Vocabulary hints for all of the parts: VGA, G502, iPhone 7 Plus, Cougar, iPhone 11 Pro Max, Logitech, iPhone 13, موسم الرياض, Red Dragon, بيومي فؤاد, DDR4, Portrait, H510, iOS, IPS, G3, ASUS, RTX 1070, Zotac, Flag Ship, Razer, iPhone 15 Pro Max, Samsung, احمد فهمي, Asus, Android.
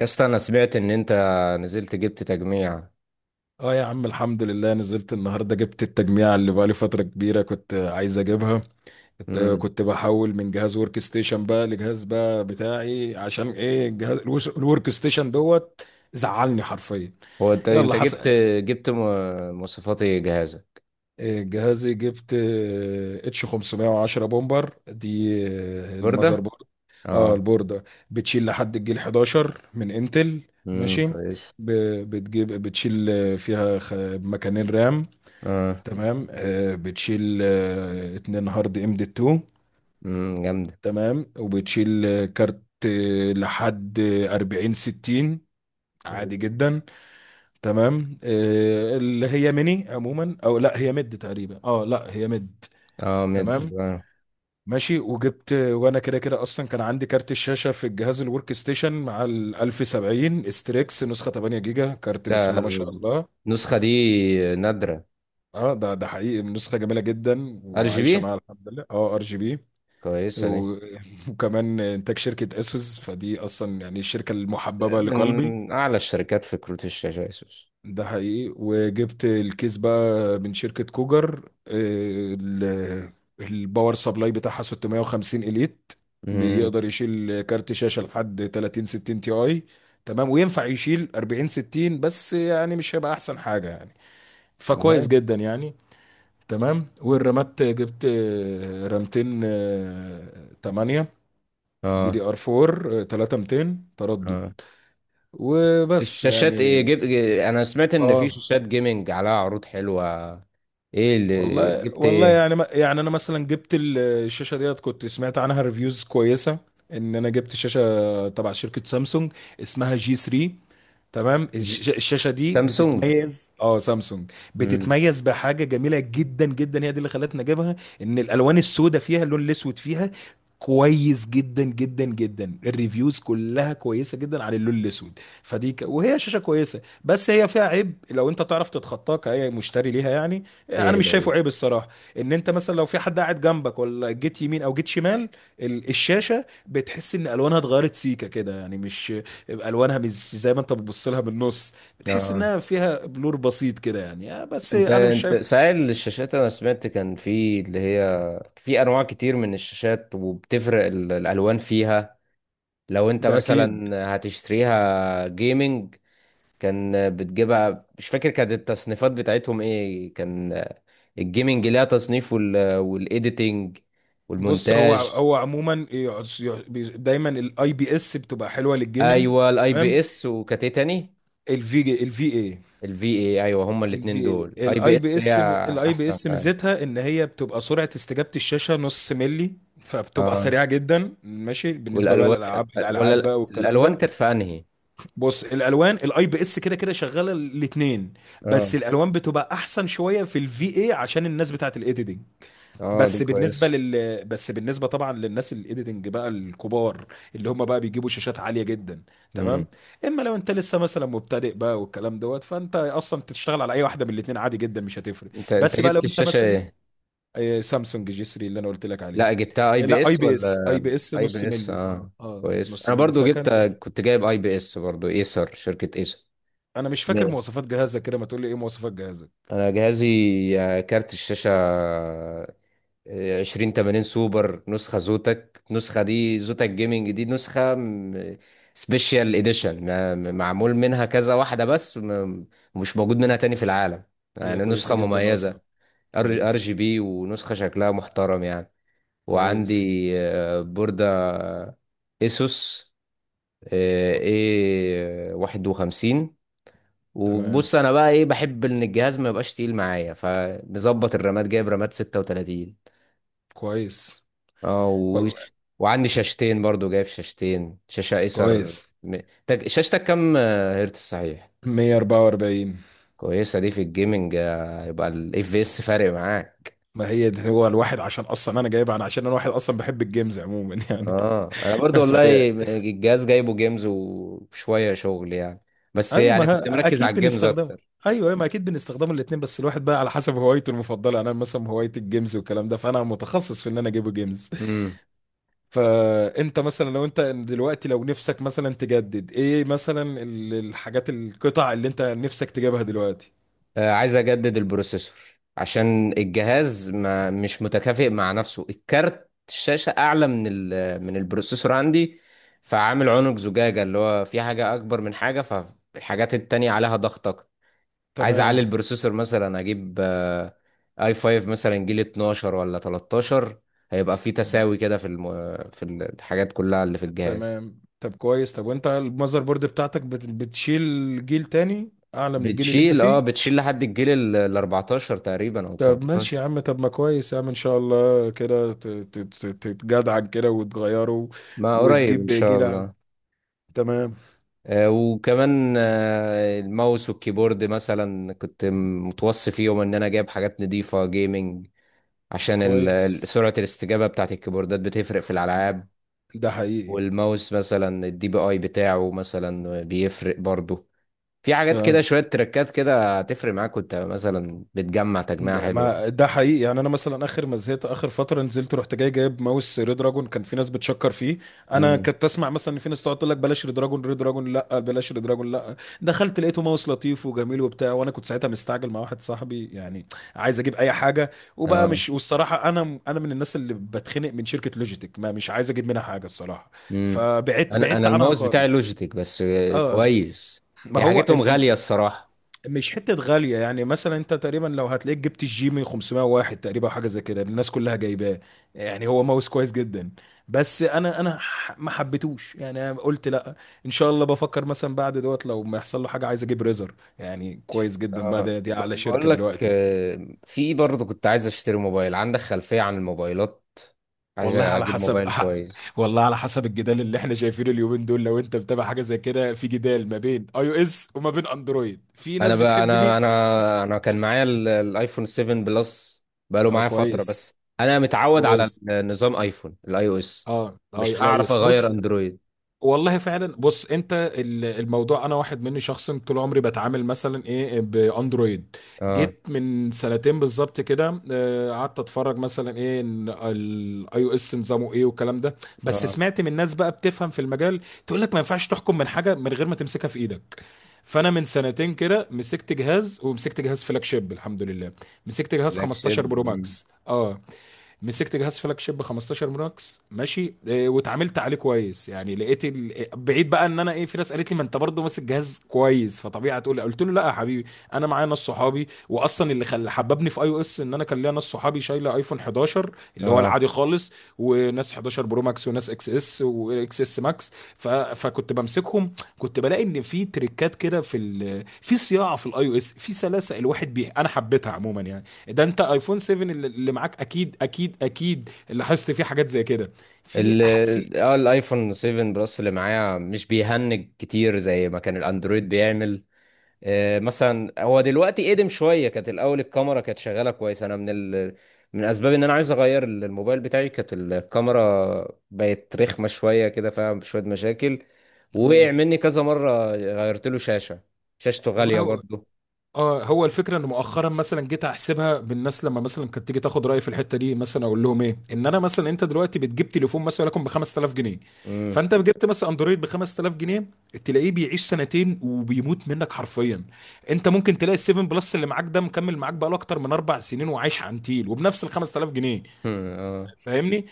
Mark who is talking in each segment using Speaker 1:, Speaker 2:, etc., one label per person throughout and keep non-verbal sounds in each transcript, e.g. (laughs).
Speaker 1: يا اسطى، انا سمعت ان انت نزلت جبت تجميع.
Speaker 2: اه يا عم، الحمد لله. نزلت النهارده جبت التجميع اللي بقالي فترة كبيرة كنت عايز اجيبها. كنت
Speaker 1: امم
Speaker 2: كنت بحول من جهاز ورك ستيشن بقى لجهاز بقى بتاعي، عشان ايه الجهاز الورك ستيشن دوت زعلني حرفيا.
Speaker 1: هو انت
Speaker 2: يلا
Speaker 1: جبت
Speaker 2: هسأل.
Speaker 1: جبت م- مواصفات ايه جهازك؟
Speaker 2: جهازي جبت اتش 510 بومبر دي المذر
Speaker 1: برده.
Speaker 2: بورد. اه،
Speaker 1: اه.
Speaker 2: البوردة بتشيل لحد الجيل 11 من انتل. ماشي.
Speaker 1: كويس.
Speaker 2: ب- بتجيب بتشيل فيها مكانين رام.
Speaker 1: اه.
Speaker 2: تمام، بتشيل اتنين هارد ام دي 2.
Speaker 1: جامده.
Speaker 2: تمام، وبتشيل كارت لحد 40 60 عادي جدا. تمام اللي هي ميني عموما، او لا هي ميد تقريبا، اه لا هي ميد.
Speaker 1: اه مد.
Speaker 2: تمام،
Speaker 1: آه.
Speaker 2: ماشي. وجبت وانا كده كده اصلا كان عندي كارت الشاشه في الجهاز الورك ستيشن، مع ال 1070 استريكس نسخه 8 جيجا كارت، بسم الله ما شاء
Speaker 1: ده،
Speaker 2: الله.
Speaker 1: النسخه دي نادره.
Speaker 2: اه ده حقيقي، نسخه جميله جدا
Speaker 1: ار جي بي،
Speaker 2: وعايشه معايا الحمد لله. اه، ار جي بي.
Speaker 1: كويسه دي.
Speaker 2: و- (laughs) وكمان انتاج شركة اسوس، فدي اصلا يعني الشركة المحببة لقلبي.
Speaker 1: من اعلى الشركات في كروت الشاشه اسوس.
Speaker 2: ده حقيقي. وجبت الكيس بقى من شركة كوجر، الباور سبلاي بتاعها 650 اليت.
Speaker 1: امم
Speaker 2: بيقدر يشيل كارت شاشة لحد 30 60 تي اي. تمام، وينفع يشيل 40 60 بس يعني مش هيبقى احسن حاجة يعني، فكويس جدا يعني. تمام. والرامات جبت رامتين 8، دي
Speaker 1: اه.
Speaker 2: دي ار 4، 3200 تردد
Speaker 1: اه.
Speaker 2: وبس
Speaker 1: الشاشات ايه
Speaker 2: يعني.
Speaker 1: جبت؟ انا سمعت ان في
Speaker 2: اه،
Speaker 1: شاشات جيمنج عليها عروض حلوة. ايه اللي
Speaker 2: والله
Speaker 1: جبت
Speaker 2: والله
Speaker 1: ايه؟
Speaker 2: يعني، يعني انا مثلا جبت الشاشه ديت كنت سمعت عنها ريفيوز كويسه، ان انا جبت شاشه تبع شركه سامسونج اسمها جي 3. تمام.
Speaker 1: ج...
Speaker 2: الشاشه دي
Speaker 1: سامسونج.
Speaker 2: بتتميز، اه سامسونج
Speaker 1: امم
Speaker 2: بتتميز بحاجه جميله جدا جدا، هي دي اللي خلتنا نجيبها. ان الالوان السوداء فيها، اللون الاسود فيها كويس جدا جدا جدا، الريفيوز كلها كويسه جدا على اللون الاسود. فدي وهي شاشه كويسه، بس هي فيها عيب لو انت تعرف تتخطاه كأي مشتري ليها يعني. انا
Speaker 1: ايه
Speaker 2: مش
Speaker 1: ده
Speaker 2: شايفه عيب
Speaker 1: إيه؟
Speaker 2: الصراحه. ان انت مثلا لو في حد قاعد جنبك، ولا جيت يمين او جيت شمال، الشاشه بتحس ان الوانها اتغيرت سيكه كده يعني، مش يبقى الوانها مش زي ما انت بتبص لها بالنص، بتحس
Speaker 1: اه.
Speaker 2: انها فيها بلور بسيط كده يعني، بس
Speaker 1: انت
Speaker 2: انا مش
Speaker 1: انت
Speaker 2: شايف.
Speaker 1: سائل الشاشات، انا سمعت كان في اللي هي، في انواع كتير من الشاشات وبتفرق الالوان فيها. لو انت
Speaker 2: ده اكيد.
Speaker 1: مثلا هتشتريها جيمنج، كان بتجيبها مش فاكر كانت التصنيفات بتاعتهم ايه. كان الجيمنج ليها تصنيف والايديتنج
Speaker 2: بص، هو
Speaker 1: والمونتاج.
Speaker 2: هو عموما دايما الاي بي اس بتبقى حلوه للجيمنج.
Speaker 1: ايوه، الاي
Speaker 2: تمام.
Speaker 1: بي اس. وكانت ايه تاني؟
Speaker 2: الفي جي، الفي اي.
Speaker 1: الفي اي، ايوه، هما
Speaker 2: الفي
Speaker 1: الاتنين دول
Speaker 2: اي
Speaker 1: اي بي
Speaker 2: الاي بي
Speaker 1: اس، هي.
Speaker 2: اس، الاي بي
Speaker 1: احسن،
Speaker 2: اس
Speaker 1: ايوه.
Speaker 2: ميزتها ان هي بتبقى سرعه استجابه الشاشه نص ملي، فبتبقى
Speaker 1: اه،
Speaker 2: سريعه جدا. ماشي بالنسبه بقى
Speaker 1: والالوان،
Speaker 2: للالعاب،
Speaker 1: ولا
Speaker 2: الالعاب بقى والكلام
Speaker 1: الالوان
Speaker 2: ده.
Speaker 1: كانت في انهي؟
Speaker 2: بص، الالوان الاي بي اس كده كده شغاله الاثنين،
Speaker 1: اه.
Speaker 2: بس الالوان بتبقى احسن شويه في الفي اي عشان الناس بتاعه الايديتنج.
Speaker 1: اه، دي كويس.
Speaker 2: بس بالنسبه طبعا للناس الايديتنج بقى الكبار، اللي هم بقى بيجيبوا شاشات عاليه جدا. تمام.
Speaker 1: امم
Speaker 2: اما لو انت لسه مثلا مبتدئ بقى والكلام دوت، فانت اصلا تشتغل على اي واحده من الاثنين عادي جدا، مش هتفرق.
Speaker 1: انت
Speaker 2: بس بقى لو
Speaker 1: جبت
Speaker 2: انت
Speaker 1: الشاشه
Speaker 2: مثلا
Speaker 1: ايه؟
Speaker 2: سامسونج جي 3 اللي انا قلت لك عليها.
Speaker 1: لا، جبتها اي بي
Speaker 2: لا، اي
Speaker 1: اس
Speaker 2: بي اس،
Speaker 1: ولا؟
Speaker 2: اي بي اس
Speaker 1: اي
Speaker 2: نص
Speaker 1: بي اس،
Speaker 2: ملي،
Speaker 1: اه.
Speaker 2: اه اه
Speaker 1: كويس،
Speaker 2: نص
Speaker 1: انا
Speaker 2: ملي
Speaker 1: برضو جبت،
Speaker 2: سكند.
Speaker 1: كنت جايب اي بي اس برضو، ايسر، شركه ايسر.
Speaker 2: انا مش فاكر
Speaker 1: مية.
Speaker 2: مواصفات جهازك كده، ما تقول لي ايه مواصفات جهازك.
Speaker 1: انا جهازي، كارت الشاشه، 2080 سوبر، نسخة زوتك، النسخة دي زوتك جيمنج، دي نسخة سبيشال اديشن، معمول منها كذا واحدة بس، مش موجود منها تاني في العالم،
Speaker 2: هي
Speaker 1: يعني
Speaker 2: كويسة
Speaker 1: نسخة
Speaker 2: جدا اصلا.
Speaker 1: مميزة. ار جي
Speaker 2: كويس.
Speaker 1: بي، ونسخة شكلها محترم يعني.
Speaker 2: كويس.
Speaker 1: وعندي بوردة اسوس
Speaker 2: كويس.
Speaker 1: ايه 51.
Speaker 2: تمام.
Speaker 1: وبص انا بقى ايه، بحب ان الجهاز ما يبقاش تقيل معايا، فمظبط الرامات، جايب رامات 36.
Speaker 2: كويس.
Speaker 1: اه
Speaker 2: والله.
Speaker 1: وش. وعندي شاشتين برضو، جايب شاشتين، شاشة ايسر
Speaker 2: كويس.
Speaker 1: شاشتك كام هرتز صحيح؟
Speaker 2: 144،
Speaker 1: كويسة دي في الجيمنج، يبقى الاف في اس فارق معاك.
Speaker 2: ما هي ده هو الواحد، عشان اصلا انا جايبها انا، عشان انا واحد اصلا بحب الجيمز عموما (laughs) يعني.
Speaker 1: اه، انا برضو
Speaker 2: فهي.
Speaker 1: والله الجهاز جايبه جيمز وشوية شغل يعني، بس
Speaker 2: ايوه، ما
Speaker 1: يعني كنت مركز على
Speaker 2: اكيد
Speaker 1: الجيمز
Speaker 2: بنستخدمها.
Speaker 1: اكتر.
Speaker 2: ايوه، أيوة، ما اكيد بنستخدمها الاثنين، بس الواحد بقى على حسب هوايته المفضله. انا مثلا هوايتي الجيمز والكلام ده، فانا متخصص في ان انا اجيب جيمز.
Speaker 1: مم.
Speaker 2: فانت مثلا لو انت دلوقتي، لو نفسك مثلا تجدد ايه مثلا الحاجات، القطع اللي انت نفسك تجيبها دلوقتي.
Speaker 1: عايز اجدد البروسيسور عشان الجهاز ما مش متكافئ مع نفسه، الكارت الشاشة اعلى من من البروسيسور عندي، فعامل عنق زجاجة، اللي هو في حاجة اكبر من حاجة، فالحاجات التانية عليها ضغط اكتر. عايز
Speaker 2: تمام.
Speaker 1: اعلي البروسيسور، مثلا اجيب اي 5 مثلا جيل 12 ولا 13، هيبقى في
Speaker 2: تمام.
Speaker 1: تساوي كده في الحاجات كلها اللي في الجهاز.
Speaker 2: تمام. طب كويس. طب، وانت المذر بورد بتاعتك بتشيل جيل تاني اعلى من الجيل اللي انت
Speaker 1: بتشيل اه
Speaker 2: فيه؟
Speaker 1: بتشيل لحد الجيل ال 14 تقريبا او ال
Speaker 2: طب ماشي
Speaker 1: 13.
Speaker 2: يا عم، طب ما كويس يا عم، ان شاء الله كده تتجدعن كده وتغيره،
Speaker 1: ما قريب
Speaker 2: وتجيب
Speaker 1: ان شاء
Speaker 2: جيل اعلى.
Speaker 1: الله.
Speaker 2: تمام.
Speaker 1: وكمان الماوس والكيبورد، مثلا كنت متوصي فيهم ان انا جايب حاجات نضيفة جيمنج، عشان
Speaker 2: كويس.
Speaker 1: سرعة الاستجابة بتاعت الكيبوردات بتفرق في الالعاب.
Speaker 2: ده حقيقي.
Speaker 1: والماوس مثلا الدي بي اي بتاعه مثلا بيفرق برضه. في حاجات كده،
Speaker 2: آه.
Speaker 1: شوية تركات كده هتفرق معاك وانت مثلا بتجمع تجميعة
Speaker 2: ده
Speaker 1: حلوة.
Speaker 2: ما ده حقيقي يعني. انا مثلا اخر ما زهقت اخر فتره نزلت، رحت جاي جايب ماوس ريد دراجون كان في ناس بتشكر فيه. انا
Speaker 1: امم
Speaker 2: كنت اسمع مثلا ان في ناس تقعد تقول لك بلاش ريد دراجون، ريد دراجون لا بلاش ريد دراجون، لا. دخلت لقيته ماوس لطيف وجميل وبتاع، وانا كنت ساعتها مستعجل مع واحد صاحبي يعني، عايز اجيب اي حاجه. وبقى
Speaker 1: اه.
Speaker 2: مش، والصراحه انا من الناس اللي بتخنق من شركه لوجيتك، ما مش عايز اجيب منها حاجه الصراحه.
Speaker 1: امم
Speaker 2: فبعدت،
Speaker 1: انا
Speaker 2: بعدت
Speaker 1: انا
Speaker 2: عنها
Speaker 1: الماوس بتاعي
Speaker 2: خالص.
Speaker 1: لوجيتك بس،
Speaker 2: اه.
Speaker 1: كويس.
Speaker 2: ما
Speaker 1: هي
Speaker 2: هو
Speaker 1: حاجتهم غالية الصراحة.
Speaker 2: مش حتة غالية يعني، مثلا انت تقريبا لو هتلاقيك جبت الجيمي 501 تقريبا، حاجة زي كده الناس كلها جايباه. يعني هو ماوس كويس جدا، بس ما حبيتهوش يعني، انا قلت لا. ان شاء الله بفكر مثلا بعد دوت، لو ما يحصل له حاجة عايز اجيب ريزر، يعني كويس جدا بقى ده، دي اعلى شركة
Speaker 1: بقول لك،
Speaker 2: دلوقتي.
Speaker 1: في برضه كنت عايز اشتري موبايل. عندك خلفية عن الموبايلات؟ عايز
Speaker 2: والله على
Speaker 1: اجيب
Speaker 2: حسب.
Speaker 1: موبايل
Speaker 2: (laughs)
Speaker 1: كويس.
Speaker 2: والله على حسب، الجدال اللي احنا شايفينه اليومين دول لو انت متابع حاجة زي كده، في جدال ما بين اي او اس وما بين اندرويد، في
Speaker 1: انا
Speaker 2: ناس
Speaker 1: بقى،
Speaker 2: بتحب
Speaker 1: انا
Speaker 2: دي.
Speaker 1: انا انا كان معايا الايفون 7 بلس، بقاله
Speaker 2: اه
Speaker 1: معايا فترة
Speaker 2: كويس.
Speaker 1: بس، انا متعود على
Speaker 2: كويس.
Speaker 1: نظام ايفون الاي او اس،
Speaker 2: اه اه،
Speaker 1: مش
Speaker 2: لا
Speaker 1: هعرف
Speaker 2: يس.
Speaker 1: اغير
Speaker 2: بص.
Speaker 1: اندرويد.
Speaker 2: والله فعلا. بص، انت الموضوع، انا واحد مني شخصا طول عمري بتعامل مثلا ايه باندرويد.
Speaker 1: اه.
Speaker 2: جيت من سنتين بالظبط كده، اه، قعدت اتفرج مثلا ايه الاي او اس نظامه ايه والكلام ده. بس
Speaker 1: اه،
Speaker 2: سمعت من ناس بقى بتفهم في المجال، تقول لك ما ينفعش تحكم من حاجه من غير ما تمسكها في ايدك. فانا من سنتين كده مسكت جهاز، ومسكت جهاز فلاج شيب الحمد لله. مسكت جهاز
Speaker 1: فلاج شيب.
Speaker 2: 15 برو
Speaker 1: مم.
Speaker 2: ماكس. اه. مسكت جهاز فلاج شيب 15 ماكس. ماشي. واتعاملت عليه كويس يعني. لقيت ال... بعيد بقى، ان انا ايه، في ناس قالت لي ما انت برضه ماسك جهاز كويس فطبيعي هتقول، قلت له لا يا حبيبي. انا معايا ناس صحابي، واصلا اللي حببني في اي او اس، ان انا كان ليا ناس صحابي شايله ايفون 11 اللي هو
Speaker 1: اه،
Speaker 2: العادي خالص، وناس 11 برو ماكس، وناس اكس اس واكس اس ماكس، فكنت بمسكهم. كنت بلاقي ان في تريكات كده في ال... في صياعه في الاي او اس، في سلاسه الواحد بيها، انا حبيتها عموما يعني. ده انت ايفون 7 اللي معاك اكيد اكيد اكيد لاحظت فيه حاجات زي كده،
Speaker 1: ال
Speaker 2: في.
Speaker 1: اه الايفون 7 بلس اللي معايا مش بيهنج كتير زي ما كان الاندرويد بيعمل. مثلا هو دلوقتي قدم شويه، كانت الاول الكاميرا كانت شغاله كويس. انا من اسباب ان انا عايز اغير الموبايل بتاعي كانت الكاميرا، بقت رخمه شويه كده، فيها شويه مشاكل.
Speaker 2: تمام.
Speaker 1: وقع مني كذا مره، غيرت له شاشه، شاشته
Speaker 2: والله
Speaker 1: غاليه
Speaker 2: هو،
Speaker 1: برضه.
Speaker 2: اه. هو الفكره ان مؤخرا مثلا جيت احسبها بالناس، لما مثلا كانت تيجي تاخد رايي في الحته دي مثلا، اقول لهم ايه، ان انا مثلا، انت دلوقتي بتجيب تليفون مثلا لكم ب 5000 جنيه،
Speaker 1: امم
Speaker 2: فانت جبت مثلا اندرويد ب 5000 جنيه، تلاقيه بيعيش سنتين وبيموت منك حرفيا. انت ممكن تلاقي ال 7 بلس اللي معاك ده مكمل معاك بقاله اكتر من اربع سنين وعايش عنتيل، وبنفس ال 5000 جنيه.
Speaker 1: اه.
Speaker 2: فاهمني؟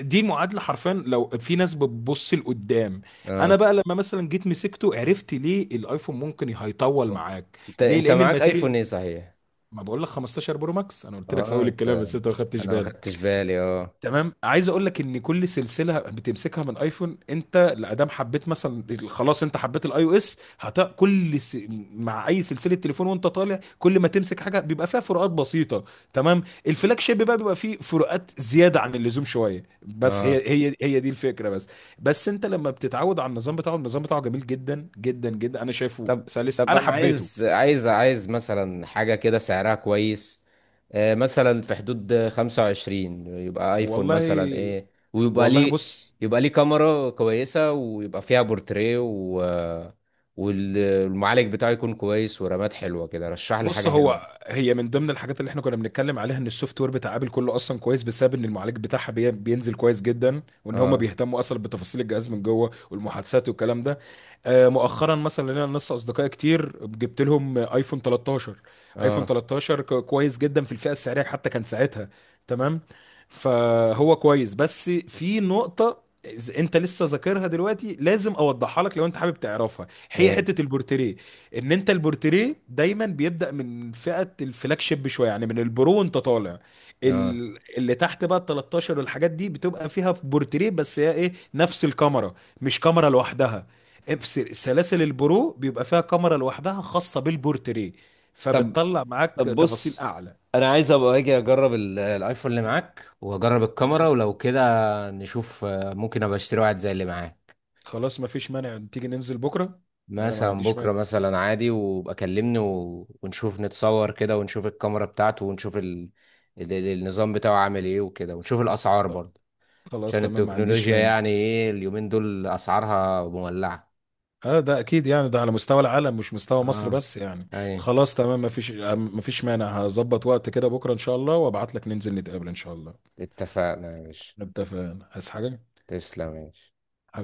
Speaker 2: دي معادله حرفيا لو في ناس بتبص لقدام. انا
Speaker 1: اه،
Speaker 2: بقى لما مثلا جيت مسكته، عرفت ليه الايفون ممكن هيطول معاك،
Speaker 1: انت
Speaker 2: ليه
Speaker 1: انت
Speaker 2: لان
Speaker 1: معاك ايفون
Speaker 2: الماتيريال،
Speaker 1: ايه صحيح؟
Speaker 2: ما بقول لك 15 برو ماكس، انا قلت لك في
Speaker 1: اه،
Speaker 2: اول
Speaker 1: انت.
Speaker 2: الكلام بس انت ما خدتش
Speaker 1: انا ما
Speaker 2: بالك.
Speaker 1: خدتش بالي، اه.
Speaker 2: تمام. عايز اقول لك ان كل سلسله بتمسكها من ايفون، انت لادام حبيت مثلا خلاص، انت حبيت الاي او اس، هت كل مع اي سلسله تليفون وانت طالع، كل ما تمسك حاجه بيبقى فيها فروقات بسيطه. تمام. الفلاج شيب بقى بيبقى فيه فروقات زياده عن اللزوم شويه، بس هي
Speaker 1: اه.
Speaker 2: هي هي دي الفكره بس. بس انت لما بتتعود على النظام بتاعه، النظام بتاعه جميل جدا جدا جدا، انا شايفه
Speaker 1: طب
Speaker 2: سلس،
Speaker 1: طب
Speaker 2: انا
Speaker 1: انا
Speaker 2: حبيته.
Speaker 1: عايز مثلا حاجة كده سعرها كويس، مثلا في حدود 25. يبقى ايفون مثلا
Speaker 2: والله.
Speaker 1: ايه؟ ويبقى
Speaker 2: والله
Speaker 1: ليه،
Speaker 2: بص.
Speaker 1: يبقى ليه كاميرا كويسة، ويبقى فيها بورتريه، والمعالج بتاعه يكون كويس ورامات حلوة كده. رشح لي حاجة حلوة.
Speaker 2: هو هي من ضمن الحاجات اللي احنا كنا بنتكلم عليها، ان السوفت وير بتاع ابل كله اصلا كويس بسبب ان المعالج بتاعها بينزل كويس جدا، وان هم
Speaker 1: اه.
Speaker 2: بيهتموا اصلا بتفاصيل الجهاز من جوه والمحادثات والكلام ده. مؤخرا مثلا لنا ناس اصدقائي كتير جبت لهم ايفون 13. ايفون
Speaker 1: اه.
Speaker 2: 13 كويس جدا في الفئه السعريه حتى كان ساعتها. تمام. فهو كويس، بس في نقطه، إذا انت لسه ذاكرها دلوقتي لازم اوضحها لك لو انت حابب تعرفها، هي
Speaker 1: ايه.
Speaker 2: حته البورتريه. ان انت البورتريه دايما بيبدا من فئه الفلاج شيب شويه، يعني من البرو وانت طالع.
Speaker 1: اه.
Speaker 2: اللي تحت بقى ال 13 والحاجات دي بتبقى فيها في بورتريه، بس هي ايه، نفس الكاميرا، مش كاميرا لوحدها. في سلاسل البرو بيبقى فيها كاميرا لوحدها خاصه بالبورتريه،
Speaker 1: طب
Speaker 2: فبتطلع معاك
Speaker 1: طب
Speaker 2: تفاصيل
Speaker 1: بص،
Speaker 2: اعلى.
Speaker 1: انا عايز ابقى اجي اجرب الايفون اللي معاك، واجرب الكاميرا
Speaker 2: تمام.
Speaker 1: ولو كده، نشوف ممكن ابقى اشتري واحد زي اللي معاك.
Speaker 2: خلاص ما فيش مانع، تيجي ننزل بكره. انا ما
Speaker 1: مثلا
Speaker 2: عنديش
Speaker 1: بكرة،
Speaker 2: مانع.
Speaker 1: مثلا عادي، وابقى كلمني ونشوف، نتصور كده ونشوف الكاميرا بتاعته، ونشوف النظام بتاعه عامل ايه، وكده ونشوف الأسعار برضه،
Speaker 2: خلاص
Speaker 1: عشان
Speaker 2: تمام، ما عنديش
Speaker 1: التكنولوجيا
Speaker 2: مانع.
Speaker 1: يعني ايه اليومين دول أسعارها مولعة.
Speaker 2: اه ده اكيد يعني، ده على مستوى العالم مش مستوى مصر
Speaker 1: اه.
Speaker 2: بس يعني.
Speaker 1: ايه.
Speaker 2: خلاص تمام. مفيش مانع، هظبط وقت كده بكره ان شاء الله، وابعت لك ننزل نتقابل ان شاء الله.
Speaker 1: اتفقنا يا باشا.
Speaker 2: اتفقنا. عايز حاجه؟
Speaker 1: تسلم يا باشا.